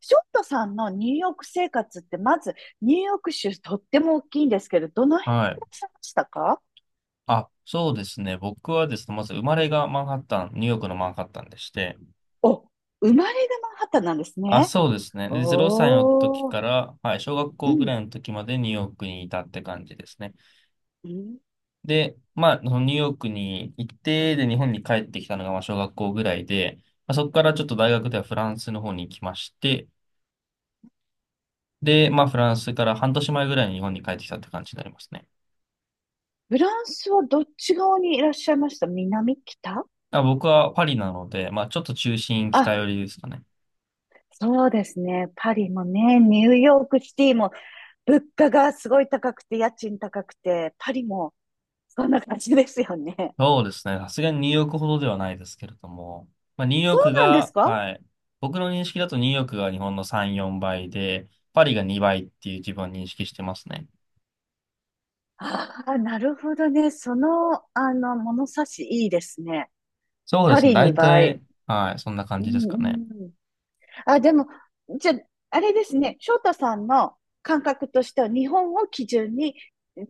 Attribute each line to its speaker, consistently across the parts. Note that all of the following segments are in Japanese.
Speaker 1: ショットさんのニューヨーク生活って、まずニューヨーク州とっても大きいんですけど、どの辺に
Speaker 2: は
Speaker 1: い
Speaker 2: い。
Speaker 1: らっしゃいましたか？
Speaker 2: あ、そうですね。僕はですね、まず生まれがマンハッタン、ニューヨークのマンハッタンでして、
Speaker 1: お、生まれがマンハッタンなんです
Speaker 2: あ、
Speaker 1: ね。
Speaker 2: そうですね。で、0歳の時
Speaker 1: おー。
Speaker 2: から、はい、小学
Speaker 1: う
Speaker 2: 校ぐ
Speaker 1: ん。
Speaker 2: らいの時までニューヨークにいたって感じですね。
Speaker 1: うん。
Speaker 2: で、まあ、そのニューヨークに行って、で、日本に帰ってきたのが、まあ、小学校ぐらいで、まあ、そこからちょっと大
Speaker 1: うん。
Speaker 2: 学ではフランスの方に行きまして、で、まあ、フランスから半年前ぐらいに日本に帰ってきたって感じになりますね。
Speaker 1: フランスはどっち側にいらっしゃいました？南、北？
Speaker 2: あ、僕はパリなので、まあ、ちょっと中心北
Speaker 1: あ、
Speaker 2: 寄りですかね。
Speaker 1: そうですね。パリもね、ニューヨークシティも物価がすごい高くて、家賃高くて、パリもそんな感じですよね。
Speaker 2: そうですね。さすがにニューヨークほどではないですけれども、まあ、ニューヨー
Speaker 1: そう
Speaker 2: ク
Speaker 1: なんです
Speaker 2: が、
Speaker 1: か？
Speaker 2: はい。僕の認識だとニューヨークが日本の3、4倍で、パリが2倍っていう自分は認識してますね。
Speaker 1: ああ、なるほどね。その、物差しいいですね。
Speaker 2: そうで
Speaker 1: パ
Speaker 2: すね。
Speaker 1: リ
Speaker 2: 大
Speaker 1: 2倍。
Speaker 2: 体、はい。そんな感
Speaker 1: う
Speaker 2: じで
Speaker 1: ん
Speaker 2: す
Speaker 1: う
Speaker 2: かね。
Speaker 1: ん。あ、でも、じゃあ、あれですね。翔太さんの感覚としては、日本を基準に、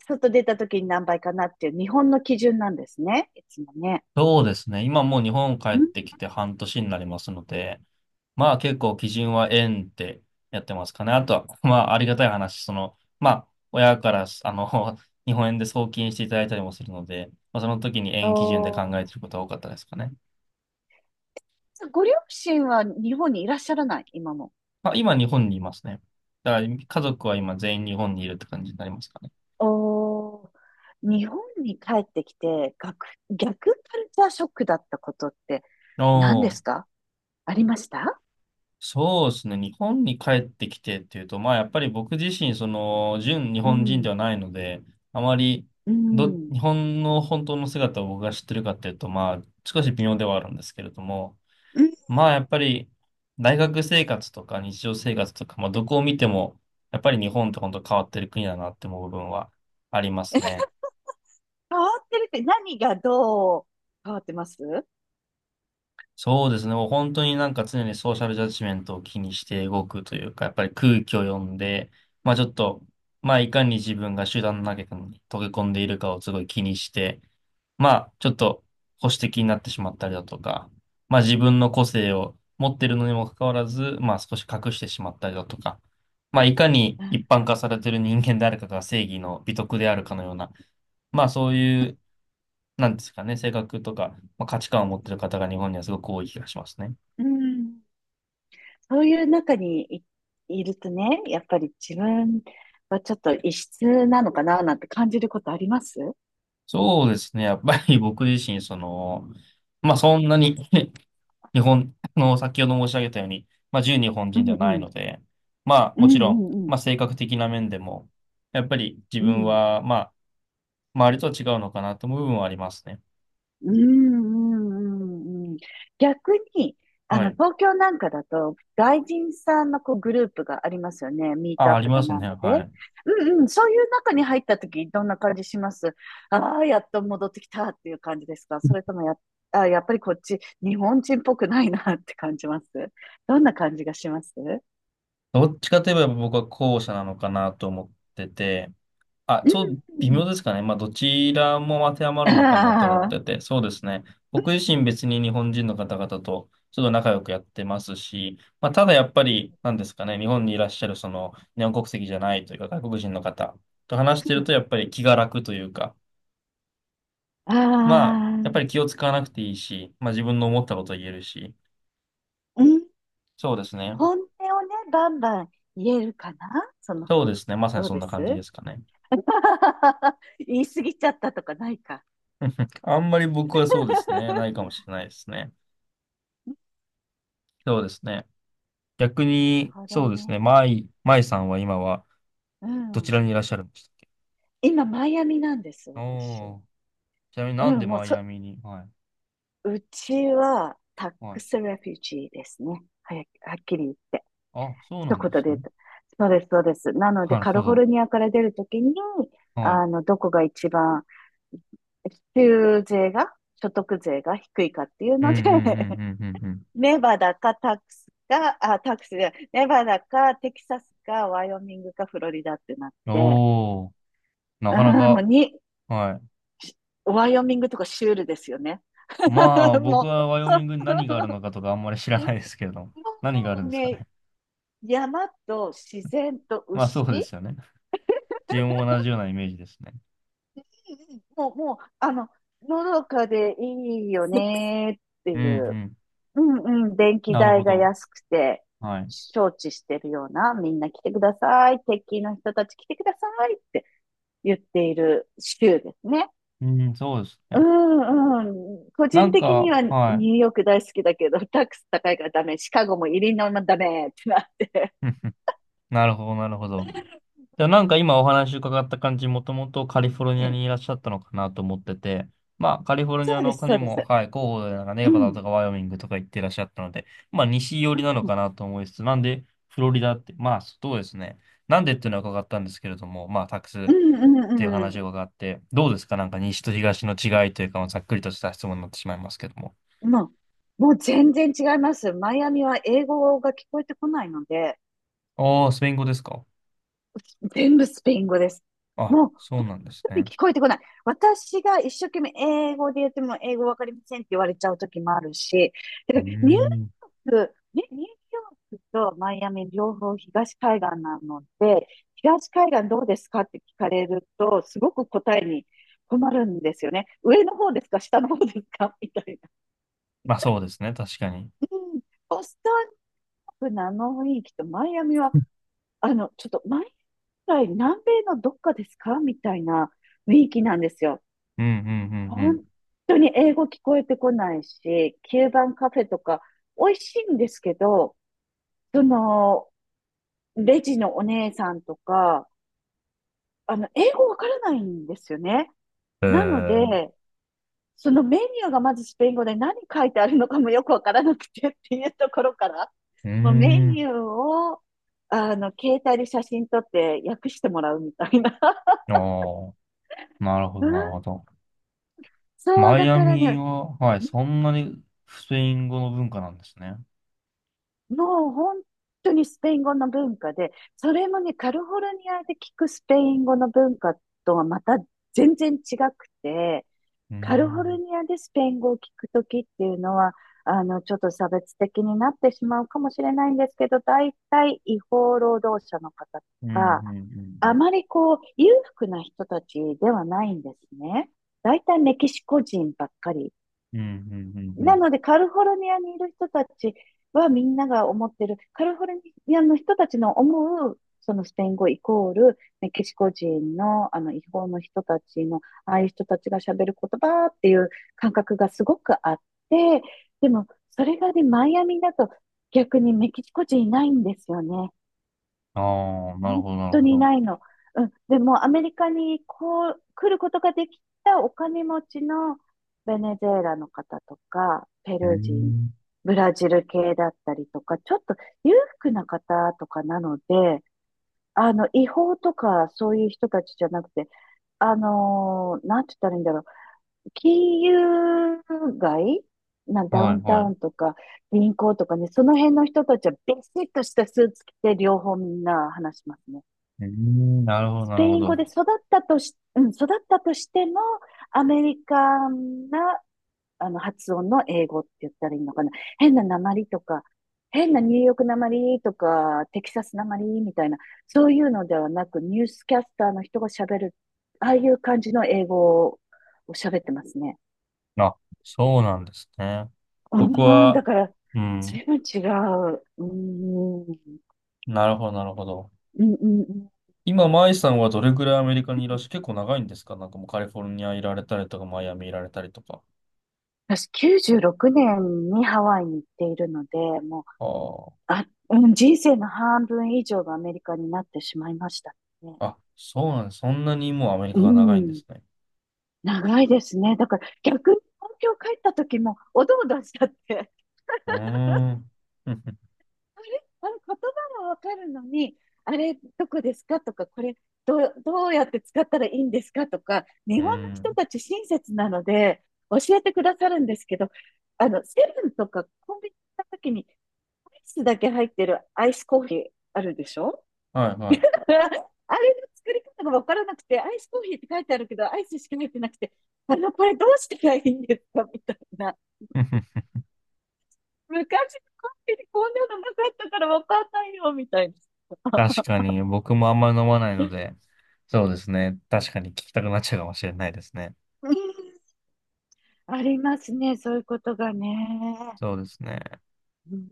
Speaker 1: 外出た時に何倍かなっていう、日本の基準なんですね。いつもね。
Speaker 2: そうですね。今もう日本帰っ
Speaker 1: うん
Speaker 2: てきて半年になりますので、
Speaker 1: うん。
Speaker 2: まあ結構基準は円ってやってますかね。あとは、まあありがたい話、その、まあ親から、あの、日本円で送金していただいたりもするので、まあ、その時に
Speaker 1: お
Speaker 2: 円基準で考え
Speaker 1: ー。
Speaker 2: てることは多かったですかね。
Speaker 1: ご両親は日本にいらっしゃらない、今も？
Speaker 2: まあ、今日本にいますね。だから家族は今全員日本にいるって感じになりますかね。
Speaker 1: おー。日本に帰ってきて、逆カルチャーショックだったことって
Speaker 2: お
Speaker 1: 何で
Speaker 2: お、
Speaker 1: すか？ありました？
Speaker 2: そうですね。日本に帰ってきてっていうと、まあやっぱり僕自身、その、純日
Speaker 1: う
Speaker 2: 本人で
Speaker 1: ん。
Speaker 2: はないので、あまり
Speaker 1: うん。
Speaker 2: 日本の本当の姿を僕が知ってるかっていうと、まあ少し微妙ではあるんですけれども、
Speaker 1: うん。
Speaker 2: まあやっぱり大学生活とか日常生活とか、まあどこを見ても、やっぱり日本って本当変わってる国だなって思う部分はあります
Speaker 1: え、
Speaker 2: ね。
Speaker 1: 変わってるって何がどう変わってます？
Speaker 2: そうですね。もう本当になんか常にソーシャルジャッジメントを気にして動くというか、やっぱり空気を読んで、まあちょっと、まあいかに自分が集団の中に溶け込んでいるかをすごい気にして、まあちょっと保守的になってしまったりだとか、まあ自分の個性を持ってるのにもかかわらず、まあ少し隠してしまったりだとか、まあいかに一般化されてる人間であるかが正義の美徳であるかのような、まあそういう、なんですかね、性格とか、まあ、価値観を持ってる方が日本にはすごく多い気がしますね。
Speaker 1: うんうん。そういう中にい、いるとね、やっぱり自分はちょっと異質なのかななんて感じることあります？
Speaker 2: そうですね。やっぱり僕自身、その、まあそんなに 日本、あの、先ほど申し上げたように、まあ純日本
Speaker 1: う
Speaker 2: 人で
Speaker 1: ん
Speaker 2: はな
Speaker 1: う
Speaker 2: い
Speaker 1: ん。
Speaker 2: ので、まあ
Speaker 1: う
Speaker 2: も
Speaker 1: んう
Speaker 2: ちろん、
Speaker 1: んう
Speaker 2: まあ
Speaker 1: ん。
Speaker 2: 性格的な面でも、やっぱり自
Speaker 1: う
Speaker 2: 分
Speaker 1: ん。
Speaker 2: は、まあ、周りとは違うのかなと思う部分はありますね。
Speaker 1: うんうんうんうん。逆に、
Speaker 2: はい。
Speaker 1: 東京なんかだと、外人さんのこうグループがありますよね。ミート
Speaker 2: あ、
Speaker 1: ア
Speaker 2: あ
Speaker 1: ッ
Speaker 2: り
Speaker 1: プ
Speaker 2: ま
Speaker 1: だ
Speaker 2: す
Speaker 1: なん
Speaker 2: ね。
Speaker 1: だで。
Speaker 2: はい。
Speaker 1: うんうん。そういう中に入った時、どんな感じします？ああー、やっと戻ってきたっていう感じですか？それともや、あー、やっぱりこっち、日本人っぽくないなって感じます？どんな感じがします？う
Speaker 2: どっちかといえば僕は後者なのかなと思ってて、あ、
Speaker 1: ん
Speaker 2: そう、
Speaker 1: う
Speaker 2: 微妙
Speaker 1: ん。
Speaker 2: ですかね。まあ、どちらも当てはまるのかなと思
Speaker 1: あ
Speaker 2: って
Speaker 1: あ。
Speaker 2: て、そうですね。僕自身別に日本人の方々とちょっと仲良くやってますし、まあ、ただやっぱり、なんですかね、日本にいらっしゃるその日本国籍じゃないというか外国人の方と話してるとやっぱり気が楽というか、
Speaker 1: あ
Speaker 2: まあ、やっぱ
Speaker 1: あ。
Speaker 2: り気を使わなくていいし、まあ自分の思ったことを言えるし、
Speaker 1: うん。
Speaker 2: そうですね。
Speaker 1: 本音をね、バンバン言えるかな、その
Speaker 2: そう
Speaker 1: 方
Speaker 2: で
Speaker 1: が。
Speaker 2: すね。まさに
Speaker 1: どう
Speaker 2: そん
Speaker 1: で
Speaker 2: な感じで
Speaker 1: す？
Speaker 2: すかね。
Speaker 1: 言い過ぎちゃったとかないか。
Speaker 2: あんまり僕はそうですね。ないか もしれないですね。そうですね。逆
Speaker 1: なる
Speaker 2: に、
Speaker 1: ほど
Speaker 2: そうですね、
Speaker 1: ね。
Speaker 2: マイさんは今は
Speaker 1: う
Speaker 2: どち
Speaker 1: ん。
Speaker 2: らにいらっしゃるんです
Speaker 1: 今、マイアミなんです、
Speaker 2: か？
Speaker 1: 私。
Speaker 2: おー、ちなみに
Speaker 1: う
Speaker 2: なんで
Speaker 1: ん、もう
Speaker 2: マイア
Speaker 1: そ、
Speaker 2: ミに？はい、
Speaker 1: うちはタッ
Speaker 2: は
Speaker 1: ク
Speaker 2: い。
Speaker 1: スレフュージーですね。はっきり言って。
Speaker 2: あ、そうな
Speaker 1: 一
Speaker 2: ん
Speaker 1: 言
Speaker 2: で
Speaker 1: で
Speaker 2: す
Speaker 1: 言う
Speaker 2: ね。
Speaker 1: と。そうです、そうです。なので、
Speaker 2: なる
Speaker 1: カリ
Speaker 2: ほ
Speaker 1: フォ
Speaker 2: ど。
Speaker 1: ルニアから出るときに、
Speaker 2: はい。
Speaker 1: どこが一番、州税が、所得税が低いかっていう
Speaker 2: うんう
Speaker 1: ので、
Speaker 2: んうんうんうん
Speaker 1: ネバダかタックスか、あ、タックスで、ネバダかテキサスかワイオミングかフロリダってなっ
Speaker 2: うん。
Speaker 1: て、
Speaker 2: おー、な
Speaker 1: う
Speaker 2: かな
Speaker 1: ーん、もう
Speaker 2: か、
Speaker 1: に、
Speaker 2: はい。
Speaker 1: ワイオミングとかシュールですよね。
Speaker 2: まあ、僕
Speaker 1: も
Speaker 2: はワイオミングに何があるのかとかあんまり知ら
Speaker 1: う、も
Speaker 2: ないですけれども、何がある
Speaker 1: う
Speaker 2: んですか
Speaker 1: ね、
Speaker 2: ね。
Speaker 1: 山と自然と
Speaker 2: まあ、そうで
Speaker 1: 牛、
Speaker 2: すよね。自分も同じようなイメージですね。
Speaker 1: もう、もう、のどかでいいよねって
Speaker 2: うんう
Speaker 1: いう、
Speaker 2: ん。
Speaker 1: うんうん、電気
Speaker 2: なる
Speaker 1: 代
Speaker 2: ほ
Speaker 1: が
Speaker 2: ど。
Speaker 1: 安くて、
Speaker 2: はい。
Speaker 1: 承知してるような、みんな来てください、鉄筋の人たち来てくださいって言っている州ですね。
Speaker 2: うん、そうです
Speaker 1: う
Speaker 2: ね。
Speaker 1: んうん。個
Speaker 2: な
Speaker 1: 人
Speaker 2: ん
Speaker 1: 的に
Speaker 2: か、
Speaker 1: はニ
Speaker 2: は
Speaker 1: ュー
Speaker 2: い。
Speaker 1: ヨーク大好きだけど、タックス高いからダメ、シカゴもイリノイもダメってなって。
Speaker 2: なるほど、なるほど。でもなんか今お話伺った感じ、もともとカリフォル
Speaker 1: う
Speaker 2: ニア
Speaker 1: ん。
Speaker 2: にいらっしゃったのかなと思ってて、まあカリフォルニ
Speaker 1: そ
Speaker 2: ア
Speaker 1: うで
Speaker 2: の
Speaker 1: す、
Speaker 2: 他
Speaker 1: そ
Speaker 2: に
Speaker 1: うです。
Speaker 2: も、はい、候補でなんか
Speaker 1: う
Speaker 2: ネバダ
Speaker 1: ん。
Speaker 2: とかワイオミングとか行ってらっしゃったので、まあ西寄
Speaker 1: う
Speaker 2: りなのか
Speaker 1: ん、
Speaker 2: なと思いつつ、なんでフロリダって、まあそうですね。なんでっていうのは伺ったんですけれども、まあタックス
Speaker 1: う
Speaker 2: っ
Speaker 1: ん、う
Speaker 2: ていう
Speaker 1: ん、
Speaker 2: 話
Speaker 1: う
Speaker 2: を伺って、どうですかなんか西と東の違いというか、まあざっくりとした質問になってしまいますけども。
Speaker 1: ん。もう全然違います。マイアミは英語が聞こえてこないので、
Speaker 2: ああ、スペイン語ですか？
Speaker 1: 全部スペイン語です。
Speaker 2: あ、
Speaker 1: もう、
Speaker 2: そう
Speaker 1: 本
Speaker 2: なんです
Speaker 1: 当に
Speaker 2: ね。
Speaker 1: 聞こえてこない。私が一生懸命英語で言っても英語わかりませんって言われちゃう時もあるし、だ
Speaker 2: うー
Speaker 1: からニュ
Speaker 2: ん。
Speaker 1: ーくニニューヨークとマイアミ両方東海岸なので、東海岸どうですかって聞かれると、すごく答えに困るんですよね。上の方ですか、下の方ですか、 みたいな。
Speaker 2: まあそうですね、確かに。
Speaker 1: うん。ボストンのあの雰囲気とマイアミは、ちょっと毎回南米のどっかですかみたいな雰囲気なんですよ。
Speaker 2: うんうんうん
Speaker 1: 本当に英語聞こえてこないし、キューバンカフェとか美味しいんですけど、その、レジのお姉さんとか、英語わからないんですよね。
Speaker 2: うん。
Speaker 1: なの
Speaker 2: えー
Speaker 1: で、そのメニューがまずスペイン語で何書いてあるのかもよくわからなくてっていうところから、
Speaker 2: うー
Speaker 1: もうメニ
Speaker 2: ん。
Speaker 1: ューを、携帯で写真撮って訳してもらうみたいな。
Speaker 2: ああ、なるほ
Speaker 1: う
Speaker 2: ど、なるほ
Speaker 1: ん。
Speaker 2: ど。
Speaker 1: そう、
Speaker 2: マイ
Speaker 1: だ
Speaker 2: ア
Speaker 1: から
Speaker 2: ミ
Speaker 1: ね、
Speaker 2: は、はい、そんなにスペイン語の文化なんですね。
Speaker 1: もう本当にスペイン語の文化で、それもね、カリフォルニアで聞くスペイン語の文化とはまた全然違くて、
Speaker 2: うー
Speaker 1: カリフォル
Speaker 2: ん。
Speaker 1: ニアでスペイン語を聞くときっていうのは、ちょっと差別的になってしまうかもしれないんですけど、大体違法労働者の方と
Speaker 2: うん、うん、
Speaker 1: か、
Speaker 2: う
Speaker 1: あ
Speaker 2: ん、
Speaker 1: まりこう、裕福な人たちではないんですね。大体メキシコ人ばっかり
Speaker 2: うん。うん、うん、うん。う
Speaker 1: な
Speaker 2: ん
Speaker 1: ので、カリフォルニアにいる人たちはみんなが思ってる、カリフォルニアの人たちの思う、そのスペイン語イコール、ねメキシコ人の、違法の人たちの、ああいう人たちが喋る言葉っていう感覚がすごくあって、でも、それがね、マイアミだと逆にメキシコ人いないんですよね。
Speaker 2: ああ、なる
Speaker 1: 本
Speaker 2: ほど、なる
Speaker 1: 当
Speaker 2: ほ
Speaker 1: に
Speaker 2: ど。
Speaker 1: ないの。うん。でも、アメリカにこう、来ることができたお金持ちのベネズエラの方とか、ペ
Speaker 2: うー
Speaker 1: ルー人、
Speaker 2: ん。
Speaker 1: ブラジル系だったりとか、ちょっと裕福な方とかなので、違法とかそういう人たちじゃなくて、なんて言ったらいいんだろう。金融街なダ
Speaker 2: は
Speaker 1: ウ
Speaker 2: い、
Speaker 1: ンタ
Speaker 2: はい。
Speaker 1: ウ
Speaker 2: う
Speaker 1: ンとか銀行とかね、その辺の人たちはビシッとしたスーツ着て両方みんな話しますね。
Speaker 2: ーん、なるほど、
Speaker 1: ス
Speaker 2: な
Speaker 1: ペ
Speaker 2: るほ
Speaker 1: イン語
Speaker 2: ど。
Speaker 1: で育ったとし、うん、育ったとしても、アメリカンな、発音の英語って言ったらいいのかな。変な訛りとか、変なニューヨーク訛りとか、テキサス訛りみたいな、そういうのではなく、ニュースキャスターの人が喋る、ああいう感じの英語を喋ってますね。
Speaker 2: あ、そうなんですね。僕
Speaker 1: うん、だ
Speaker 2: は、
Speaker 1: から、
Speaker 2: うん、
Speaker 1: 随分違う。うん、うん、
Speaker 2: なるほど、なるほど。
Speaker 1: うん。うん。
Speaker 2: 今、マイさんはどれぐらいアメリカにいらっしゃ、結構長いんですか？なんかもうカリフォルニアいられたりとか、マイアミいられたりとか。
Speaker 1: 私、96年にハワイに行っているので、もう
Speaker 2: ああ。
Speaker 1: あ、うん、人生の半分以上がアメリカになってしまいましたね。
Speaker 2: あ、そうなんです。そんなにもうアメリカ
Speaker 1: う
Speaker 2: が長いんで
Speaker 1: ん、
Speaker 2: すね。
Speaker 1: 長いですね。だから逆に東京帰った時もおどおどしちゃって、
Speaker 2: うーん。ふんふん
Speaker 1: あれあれ言葉がわかるのに、あれどこですかとか、これどう、どうやって使ったらいいんですかとか、
Speaker 2: う
Speaker 1: 日
Speaker 2: ー
Speaker 1: 本の人
Speaker 2: ん。
Speaker 1: たち親切なので教えてくださるんですけど、セブンとかコンビニ行った時にアイスだけ入ってるアイスコーヒーあるでしょ？
Speaker 2: はいはい。
Speaker 1: あれの作り方がわからなくて、アイスコーヒーって書いてあるけど、アイスしか入ってなくて、これどうしたらいいんですかみたいな。
Speaker 2: ふんふん
Speaker 1: 昔のコーヒーにこんなのなかったからわかんないよ、みたいな。
Speaker 2: 確かに、僕もあんまり飲まないの で、そうですね。確かに聞きたくなっちゃうかもしれないですね。
Speaker 1: うん、ありますね、そういうことがね。
Speaker 2: そうですね。
Speaker 1: うん